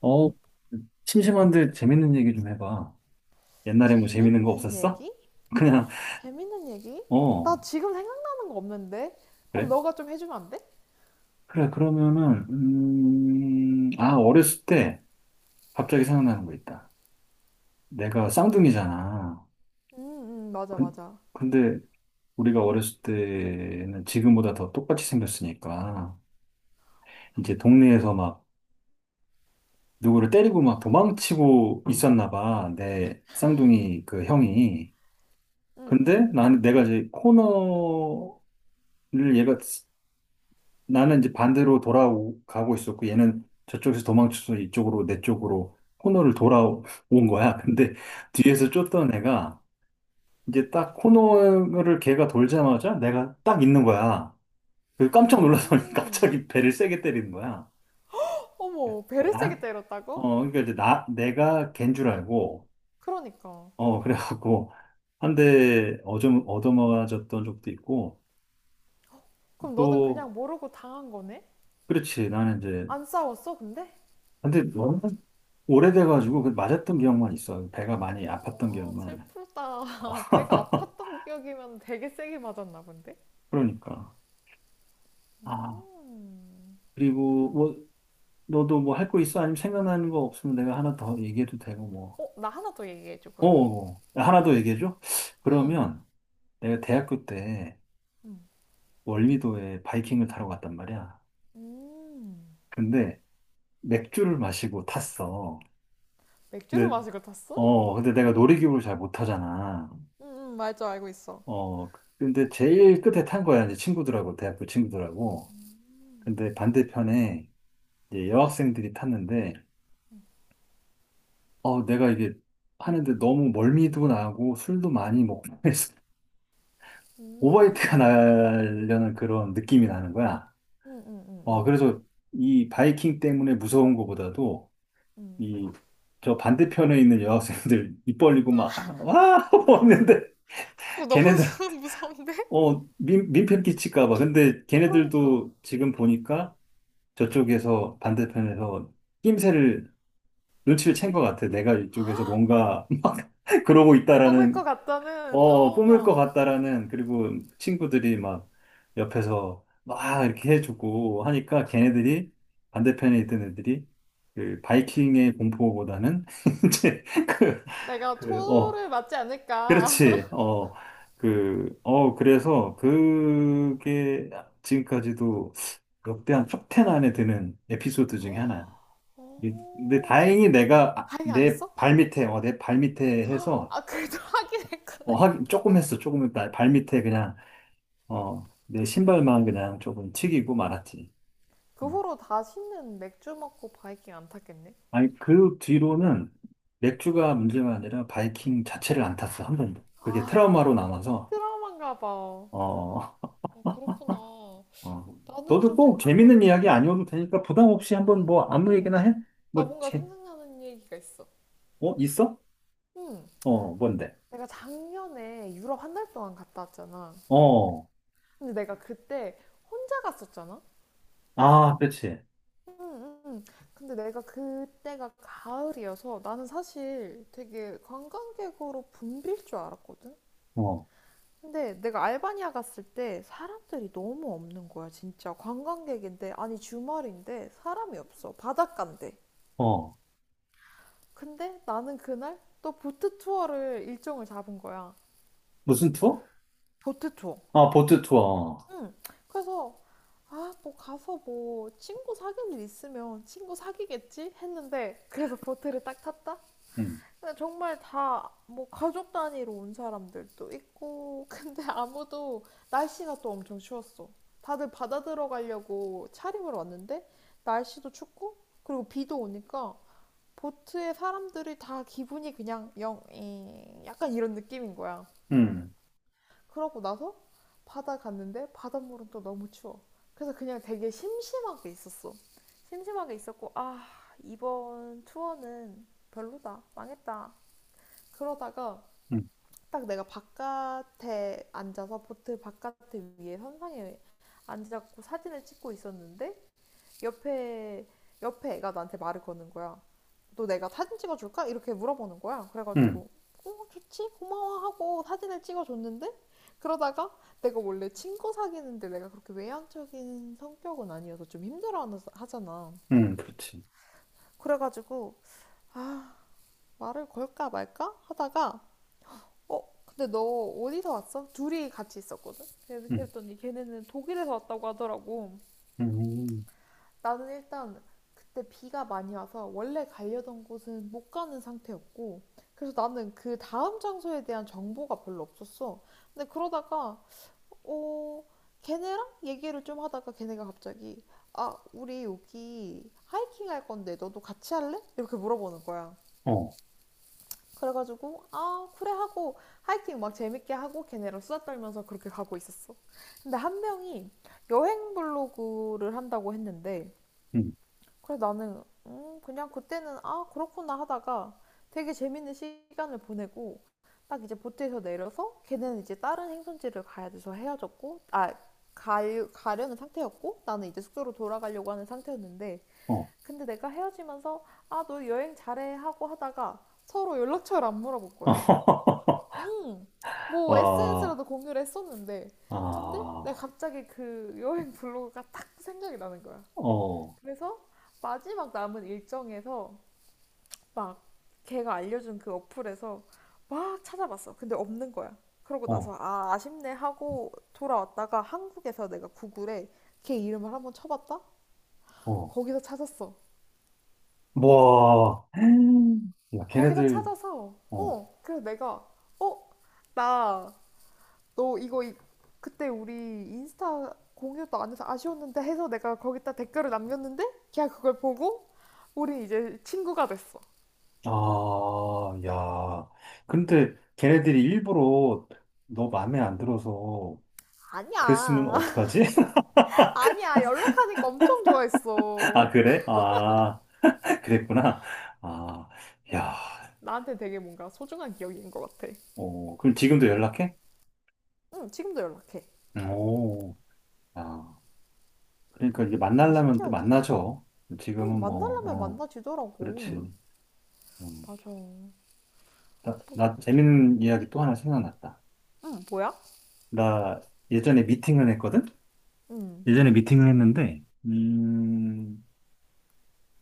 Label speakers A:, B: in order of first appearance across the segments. A: 어, 심심한데 재밌는 얘기 좀 해봐. 옛날에 뭐 재밌는 거
B: 재밌는
A: 없었어?
B: 얘기?
A: 그냥,
B: 재밌는 얘기? 나
A: 어,
B: 지금 생각나는 거 없는데? 그럼
A: 그래?
B: 너가 좀 해주면 안 돼?
A: 그래, 그러면은, 아, 어렸을 때 갑자기 생각나는 거 있다. 내가 쌍둥이잖아.
B: 응, 응, 맞아,
A: 근,
B: 맞아.
A: 근데 우리가 어렸을 때는 지금보다 더 똑같이 생겼으니까, 이제 동네에서 막 누구를 때리고 막 도망치고 있었나 봐. 내 쌍둥이 그 형이.
B: 응, 응,
A: 근데
B: 응.
A: 나는 내가 이제 코너를 얘가 나는 이제 반대로 돌아가고 있었고 얘는 저쪽에서 도망쳐서 이쪽으로 내 쪽으로 코너를 돌아온 거야. 근데 뒤에서 쫓던 애가 이제 딱 코너를 걔가 돌자마자 내가 딱 있는 거야. 그 깜짝 놀라서
B: 음.
A: 갑자기 배를 세게 때리는 거야.
B: 어머, 배를
A: 그러니까
B: 세게
A: 난,
B: 때렸다고?
A: 어, 그러니까 이제 내가 걘 줄 알고,
B: 그러니까.
A: 어, 그래갖고 한 대 얻어맞았던 적도 있고
B: 그럼 너는
A: 또
B: 그냥 모르고 당한 거네?
A: 그렇지 나는 이제
B: 안 싸웠어, 근데?
A: 근데 오래돼가지고 그 맞았던 기억만 있어요. 배가 많이 아팠던
B: 아,
A: 기억만.
B: 슬프다. 배가 아팠던 기억이면 되게 세게 맞았나 본데?
A: 그러니까. 아,
B: 음.
A: 그리고 뭐, 너도 뭐 할 거 있어? 아니면 생각나는 거 없으면 내가 하나 더 얘기해도 되고 뭐.
B: 어, 나 하나 더 얘기해줘,
A: 어,
B: 그럼.
A: 어, 어. 하나 더 얘기해줘?
B: 응.
A: 그러면 내가 대학교 때
B: 음.
A: 월미도에 바이킹을 타러 갔단 말이야.
B: 음.
A: 근데 맥주를 마시고 탔어.
B: 맥주를
A: 근데,
B: 마시고 탔어?
A: 어, 근데 내가 놀이기구를 잘 못 타잖아.
B: 응, 응, 맞아, 알고 있어.
A: 어, 근데 제일 끝에 탄 거야. 이제 친구들하고, 대학교 친구들하고. 근데 반대편에 이제 여학생들이 탔는데, 어, 내가 이게 하는데 너무 멀미도 나고 술도 많이 먹고 해서 오버히트가
B: 음,
A: 나려는 그런 느낌이 나는 거야.
B: 응응응응응 응 응,
A: 어,
B: 응.
A: 그래서 이 바이킹 때문에 무서운 것보다도
B: 응.
A: 이 저 반대편에 있는 여학생들 입 벌리고 막, 아, 와! 하고 는데
B: 그거 너무
A: 걔네들한테,
B: 무서운데?
A: 어, 민폐 끼칠까 봐. 근데
B: 그러니까.
A: 걔네들도 지금 보니까 저쪽에서 반대편에서 낌새를 눈치를 챈 것 같아. 내가 이쪽에서 뭔가 막 그러고
B: 뽑을 것
A: 있다라는,
B: 같다는,
A: 어, 뿜을
B: 어,
A: 것 같다라는, 그리고 친구들이 막 옆에서 막 이렇게 해주고 하니까 걔네들이 반대편에 있던 애들이 그 바이킹의 공포보다는 이제 그,
B: 내가
A: 그, 어,
B: 토를 맞지 않을까.
A: 그렇지. 어, 그, 어, 그래서 그게 지금까지도 역대 한 TO 안에 드는 에피소드 중에 하나야. 근데
B: 오,
A: 다행히 내가 아,
B: 바이킹 안
A: 내
B: 했어?
A: 발밑에 어, 내 발밑에 해서
B: 아, 그래도 하긴
A: 어,
B: 했구나.
A: 하긴 조금 했어 조금 했다 발밑에 그냥 어, 내 신발만 그냥 조금 튀기고 말았지
B: 그
A: 음.
B: 후로 다시는 맥주 먹고 바이킹 안 탔겠네?
A: 아니 그 뒤로는 맥주가 문제가 아니라 바이킹 자체를 안 탔어 한 번도 그게
B: 아,
A: 트라우마로 남아서
B: 트라우마인가 봐.
A: 어,
B: 아, 그렇구나.
A: 어.
B: 나는
A: 너도
B: 좀
A: 꼭 재밌는
B: 생각나는
A: 이야기
B: 게,
A: 아니어도 되니까 부담 없이 한번
B: 음,
A: 뭐 아무 얘기나
B: 음.
A: 해?
B: 나
A: 뭐
B: 뭔가
A: 제,
B: 생각나는 얘기가 있어.
A: 어 있어?
B: 음.
A: 어 뭔데?
B: 내가 작년에 유럽 한 달 동안 갔다 왔잖아.
A: 어
B: 근데 내가 그때 혼자 갔었잖아.
A: 아 그렇지
B: 응, 응, 응. 근데 내가 그때가 가을이어서 나는 사실 되게 관광객으로 붐빌 줄 알았거든.
A: 어
B: 근데 내가 알바니아 갔을 때 사람들이 너무 없는 거야, 진짜. 관광객인데, 아니 주말인데 사람이 없어. 바닷가인데.
A: 어.
B: 근데 나는 그날 또 보트 투어를 일정을 잡은 거야.
A: 무슨 투어?
B: 보트 투어.
A: 아, 보트 투어.
B: 응. 그래서 아, 뭐 가서 뭐 친구 사귈 일 있으면 친구 사귀겠지 했는데 그래서 보트를 딱 탔다.
A: 응
B: 근데 정말 다 뭐 가족 단위로 온 사람들도 있고 근데 아무도 날씨가 또 엄청 추웠어. 다들 바다 들어가려고 차림을 왔는데 날씨도 춥고 그리고 비도 오니까 보트에 사람들이 다 기분이 그냥 영, 이, 약간 이런 느낌인 거야.
A: 응
B: 그러고 나서 바다 갔는데 바닷물은 또 너무 추워. 그래서 그냥 되게 심심하게 있었어. 심심하게 있었고 아 이번 투어는 별로다 망했다. 그러다가
A: 응
B: 딱 내가 바깥에 앉아서 보트 바깥에 위에 선상에 앉아갖고 사진을 찍고 있었는데 옆에 옆에 애가 나한테 말을 거는 거야. 너 내가 사진 찍어줄까? 이렇게 물어보는 거야.
A: 응
B: 그래가지고 어 좋지 고마워 하고 사진을 찍어줬는데 그러다가 내가 원래 친구 사귀는데 내가 그렇게 외향적인 성격은 아니어서 좀 힘들어 하잖아.
A: 응 그렇지.
B: 그래가지고 아 말을 걸까 말까 하다가 어 근데 너 어디서 왔어? 둘이 같이 있었거든.
A: 응
B: 그랬더니 걔네는 독일에서 왔다고 하더라고.
A: 응
B: 나는 일단 그때 비가 많이 와서 원래 가려던 곳은 못 가는 상태였고, 그래서 나는 그 다음 장소에 대한 정보가 별로 없었어. 근데 그러다가, 어, 걔네랑 얘기를 좀 하다가 걔네가 갑자기, 아, 우리 여기 하이킹 할 건데 너도 같이 할래? 이렇게 물어보는 거야.
A: 어,
B: 그래가지고, 아, 그래 하고, 하이킹 막 재밌게 하고 걔네랑 수다 떨면서 그렇게 가고 있었어. 근데 한 명이 여행 블로그를 한다고 했는데,
A: 응
B: 그래서 나는 그냥 그때는 아 그렇구나 하다가 되게 재밌는 시간을 보내고 딱 이제 보트에서 내려서 걔는 이제 다른 행선지를 가야 돼서 헤어졌고 아 가, 가려는 상태였고 나는 이제 숙소로 돌아가려고 하는 상태였는데
A: 어.
B: 근데 내가 헤어지면서 아 너 여행 잘해 하고 하다가 서로 연락처를 안 물어볼 거야. 음, 뭐
A: 와,
B: SNS라도 공유를 했었는데 근데 내가
A: 아,
B: 갑자기 그 여행 블로그가 딱 생각이 나는 거야.
A: 어,
B: 그래서 마지막 남은 일정에서 막 걔가 알려준 그 어플에서 막 찾아봤어. 근데 없는 거야. 그러고 나서
A: 어,
B: 아, 아쉽네 하고 돌아왔다가 한국에서 내가 구글에 걔 이름을 한번 쳐봤다?
A: 어.
B: 거기서 찾았어.
A: 와, 야,
B: 거기서
A: 걔네들,
B: 찾아서
A: 어,
B: 어, 그래서 내가 어, 나 너 이거 그때 우리 인스타 공유도 안 해서 아쉬웠는데 해서 내가 거기다 댓글을 남겼는데 걔가 그걸 보고 우린 이제 친구가 됐어.
A: 아, 야. 근데 걔네들이 일부러 너 마음에 안 들어서 그랬으면
B: 아니야.
A: 어떡하지?
B: 아니야, 연락하니까 엄청
A: 아,
B: 좋아했어.
A: 그래? 아, 그랬구나. 아, 야,
B: 응. 나한테 되게 뭔가 소중한 기억인 것 같아.
A: 어, 그럼 지금도 연락해?
B: 응, 지금도 연락해.
A: 오, 아, 그러니까 이게
B: 되게
A: 만나려면 또
B: 신기하지?
A: 만나죠.
B: 응,
A: 지금은 뭐,
B: 만나려면
A: 어, 그렇지.
B: 만나지더라고.
A: 음.
B: 맞아. 뭐
A: 나
B: 자꾸 지
A: 재밌는 이야기 또 하나 생각났다.
B: 응, 뭐야?
A: 나 예전에 미팅을 했거든?
B: 응,
A: 예전에 미팅을 했는데,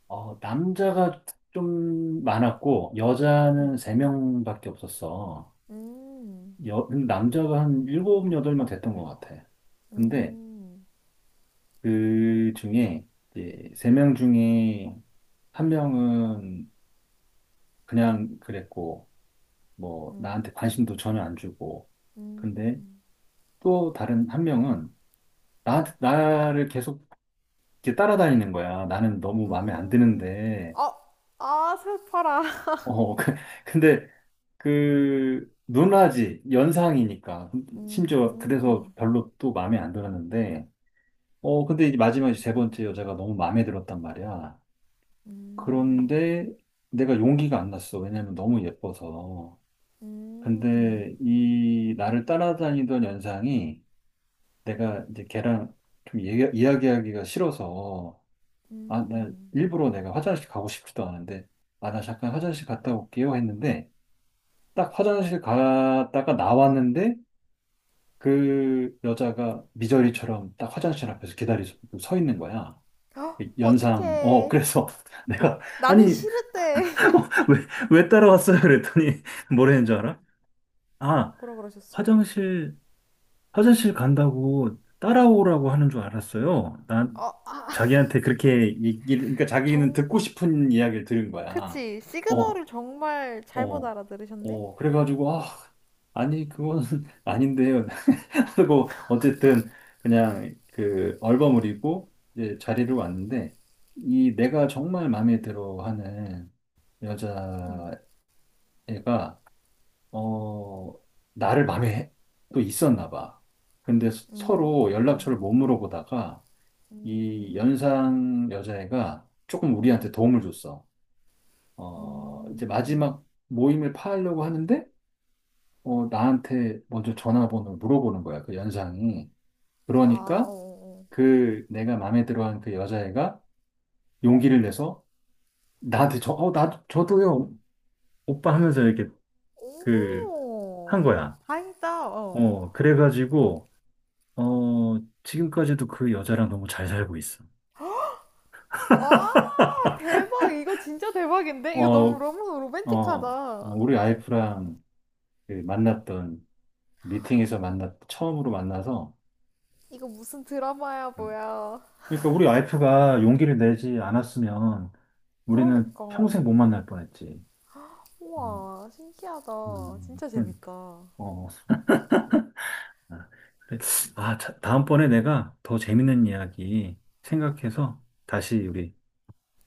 A: 어, 남자가 좀 많았고, 여자는
B: 응.
A: 세명밖에 없었어.
B: 음,
A: 여, 남자가 한 일곱 여덟 명 됐던 것 같아. 근데
B: 음,
A: 그 중에, 이제 3명 중에 한 명은 그냥 그랬고, 뭐,
B: 음,
A: 나한테 관심도 전혀 안 주고. 근데
B: 음,
A: 또 다른 한 명은 나한테, 나를 계속 이렇게 따라다니는 거야. 나는 너무 마음에 안
B: 음.
A: 드는데.
B: 아, 아, 슬퍼라.
A: 어, 그- 근데 그, 누나지, 연상이니까.
B: 음,
A: 심지어 그래서
B: 음,
A: 별로 또 마음에 안 들었는데. 어, 근데 이제 마지막에 세 번째 여자가 너무 마음에 들었단 말이야.
B: 음,
A: 그런데 내가 용기가 안 났어. 왜냐면 너무 예뻐서.
B: 음.
A: 근데 이 나를 따라다니던 연상이 내가 이제 걔랑 좀 얘기, 이야기하기가 싫어서 아, 나
B: 음.
A: 일부러 내가 화장실 가고 싶지도 않은데 아, 나 잠깐 화장실 갔다 올게요 했는데 딱 화장실 갔다가 나왔는데 그 여자가 미저리처럼 딱 화장실 앞에서 기다리고 서 있는 거야.
B: 헉,
A: 연상, 어,
B: 어떡해.
A: 그래서 내가, 아니,
B: 나는 싫을 때.
A: 왜, 왜 따라왔어요? 그랬더니 뭐라는 줄 알아? 아,
B: 뭐라 그러셨어?
A: 화장실 간다고 따라오라고 하는 줄 알았어요. 난
B: 어, 아,
A: 자기한테 그렇게 얘기를, 그러니까 자기는
B: 정,
A: 듣고 싶은 이야기를 들은 거야.
B: 그치.
A: 어,
B: 시그널을 정말 잘못
A: 어,
B: 알아들으셨네?
A: 어. 그래가지고, 아, 아니, 그건 아닌데요. 하고, 어쨌든, 그냥 그 얼버무리고 이제 자리를 왔는데, 이 내가 정말 마음에 들어 하는
B: 음,
A: 여자애가 어, 나를 마음에 해- 또 있었나 봐. 근데 서로 연락처를
B: 음,
A: 못 물어보다가 이
B: 음,
A: 연상 여자애가 조금
B: 음,
A: 우리한테 도움을 줬어. 어, 이제
B: 음.
A: 마지막 모임을 파하려고 하는데, 어, 나한테 먼저 전화번호를 물어보는 거야, 그 연상이.
B: 아, 어,
A: 그러니까
B: 어, 어.
A: 그 내가 마음에 들어한 그 여자애가 용기를 내서 나한테 저, 어, 나도, 저도요, 오빠 하면서 이렇게 그, 한
B: 오,
A: 거야.
B: 다행이다, 어.
A: 어, 그래가지고, 어, 지금까지도 그 여자랑 너무 잘 살고 있어.
B: 아, 대박. 이거 진짜 대박인데? 이거 너무,
A: 어,
B: 너무
A: 어,
B: 로맨틱하다.
A: 우리 와이프랑 그 만났던 미팅에서 만났, 처음으로 만나서,
B: 이거 무슨 드라마야,
A: 음.
B: 뭐야.
A: 그러니까 우리 와이프가 용기를 내지 않았으면 우리는
B: 그러니까.
A: 평생 못 만날 뻔했지. 음,
B: 우와, 신기하다. 진짜
A: 그러니까.
B: 재밌다.
A: 어, 아, 그래. 아, 자, 다음번에 내가 더 재밌는 이야기 생각해서 다시 우리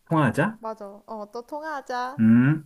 A: 통화하자.
B: 맞아. 어, 또 통화하자.
A: 음.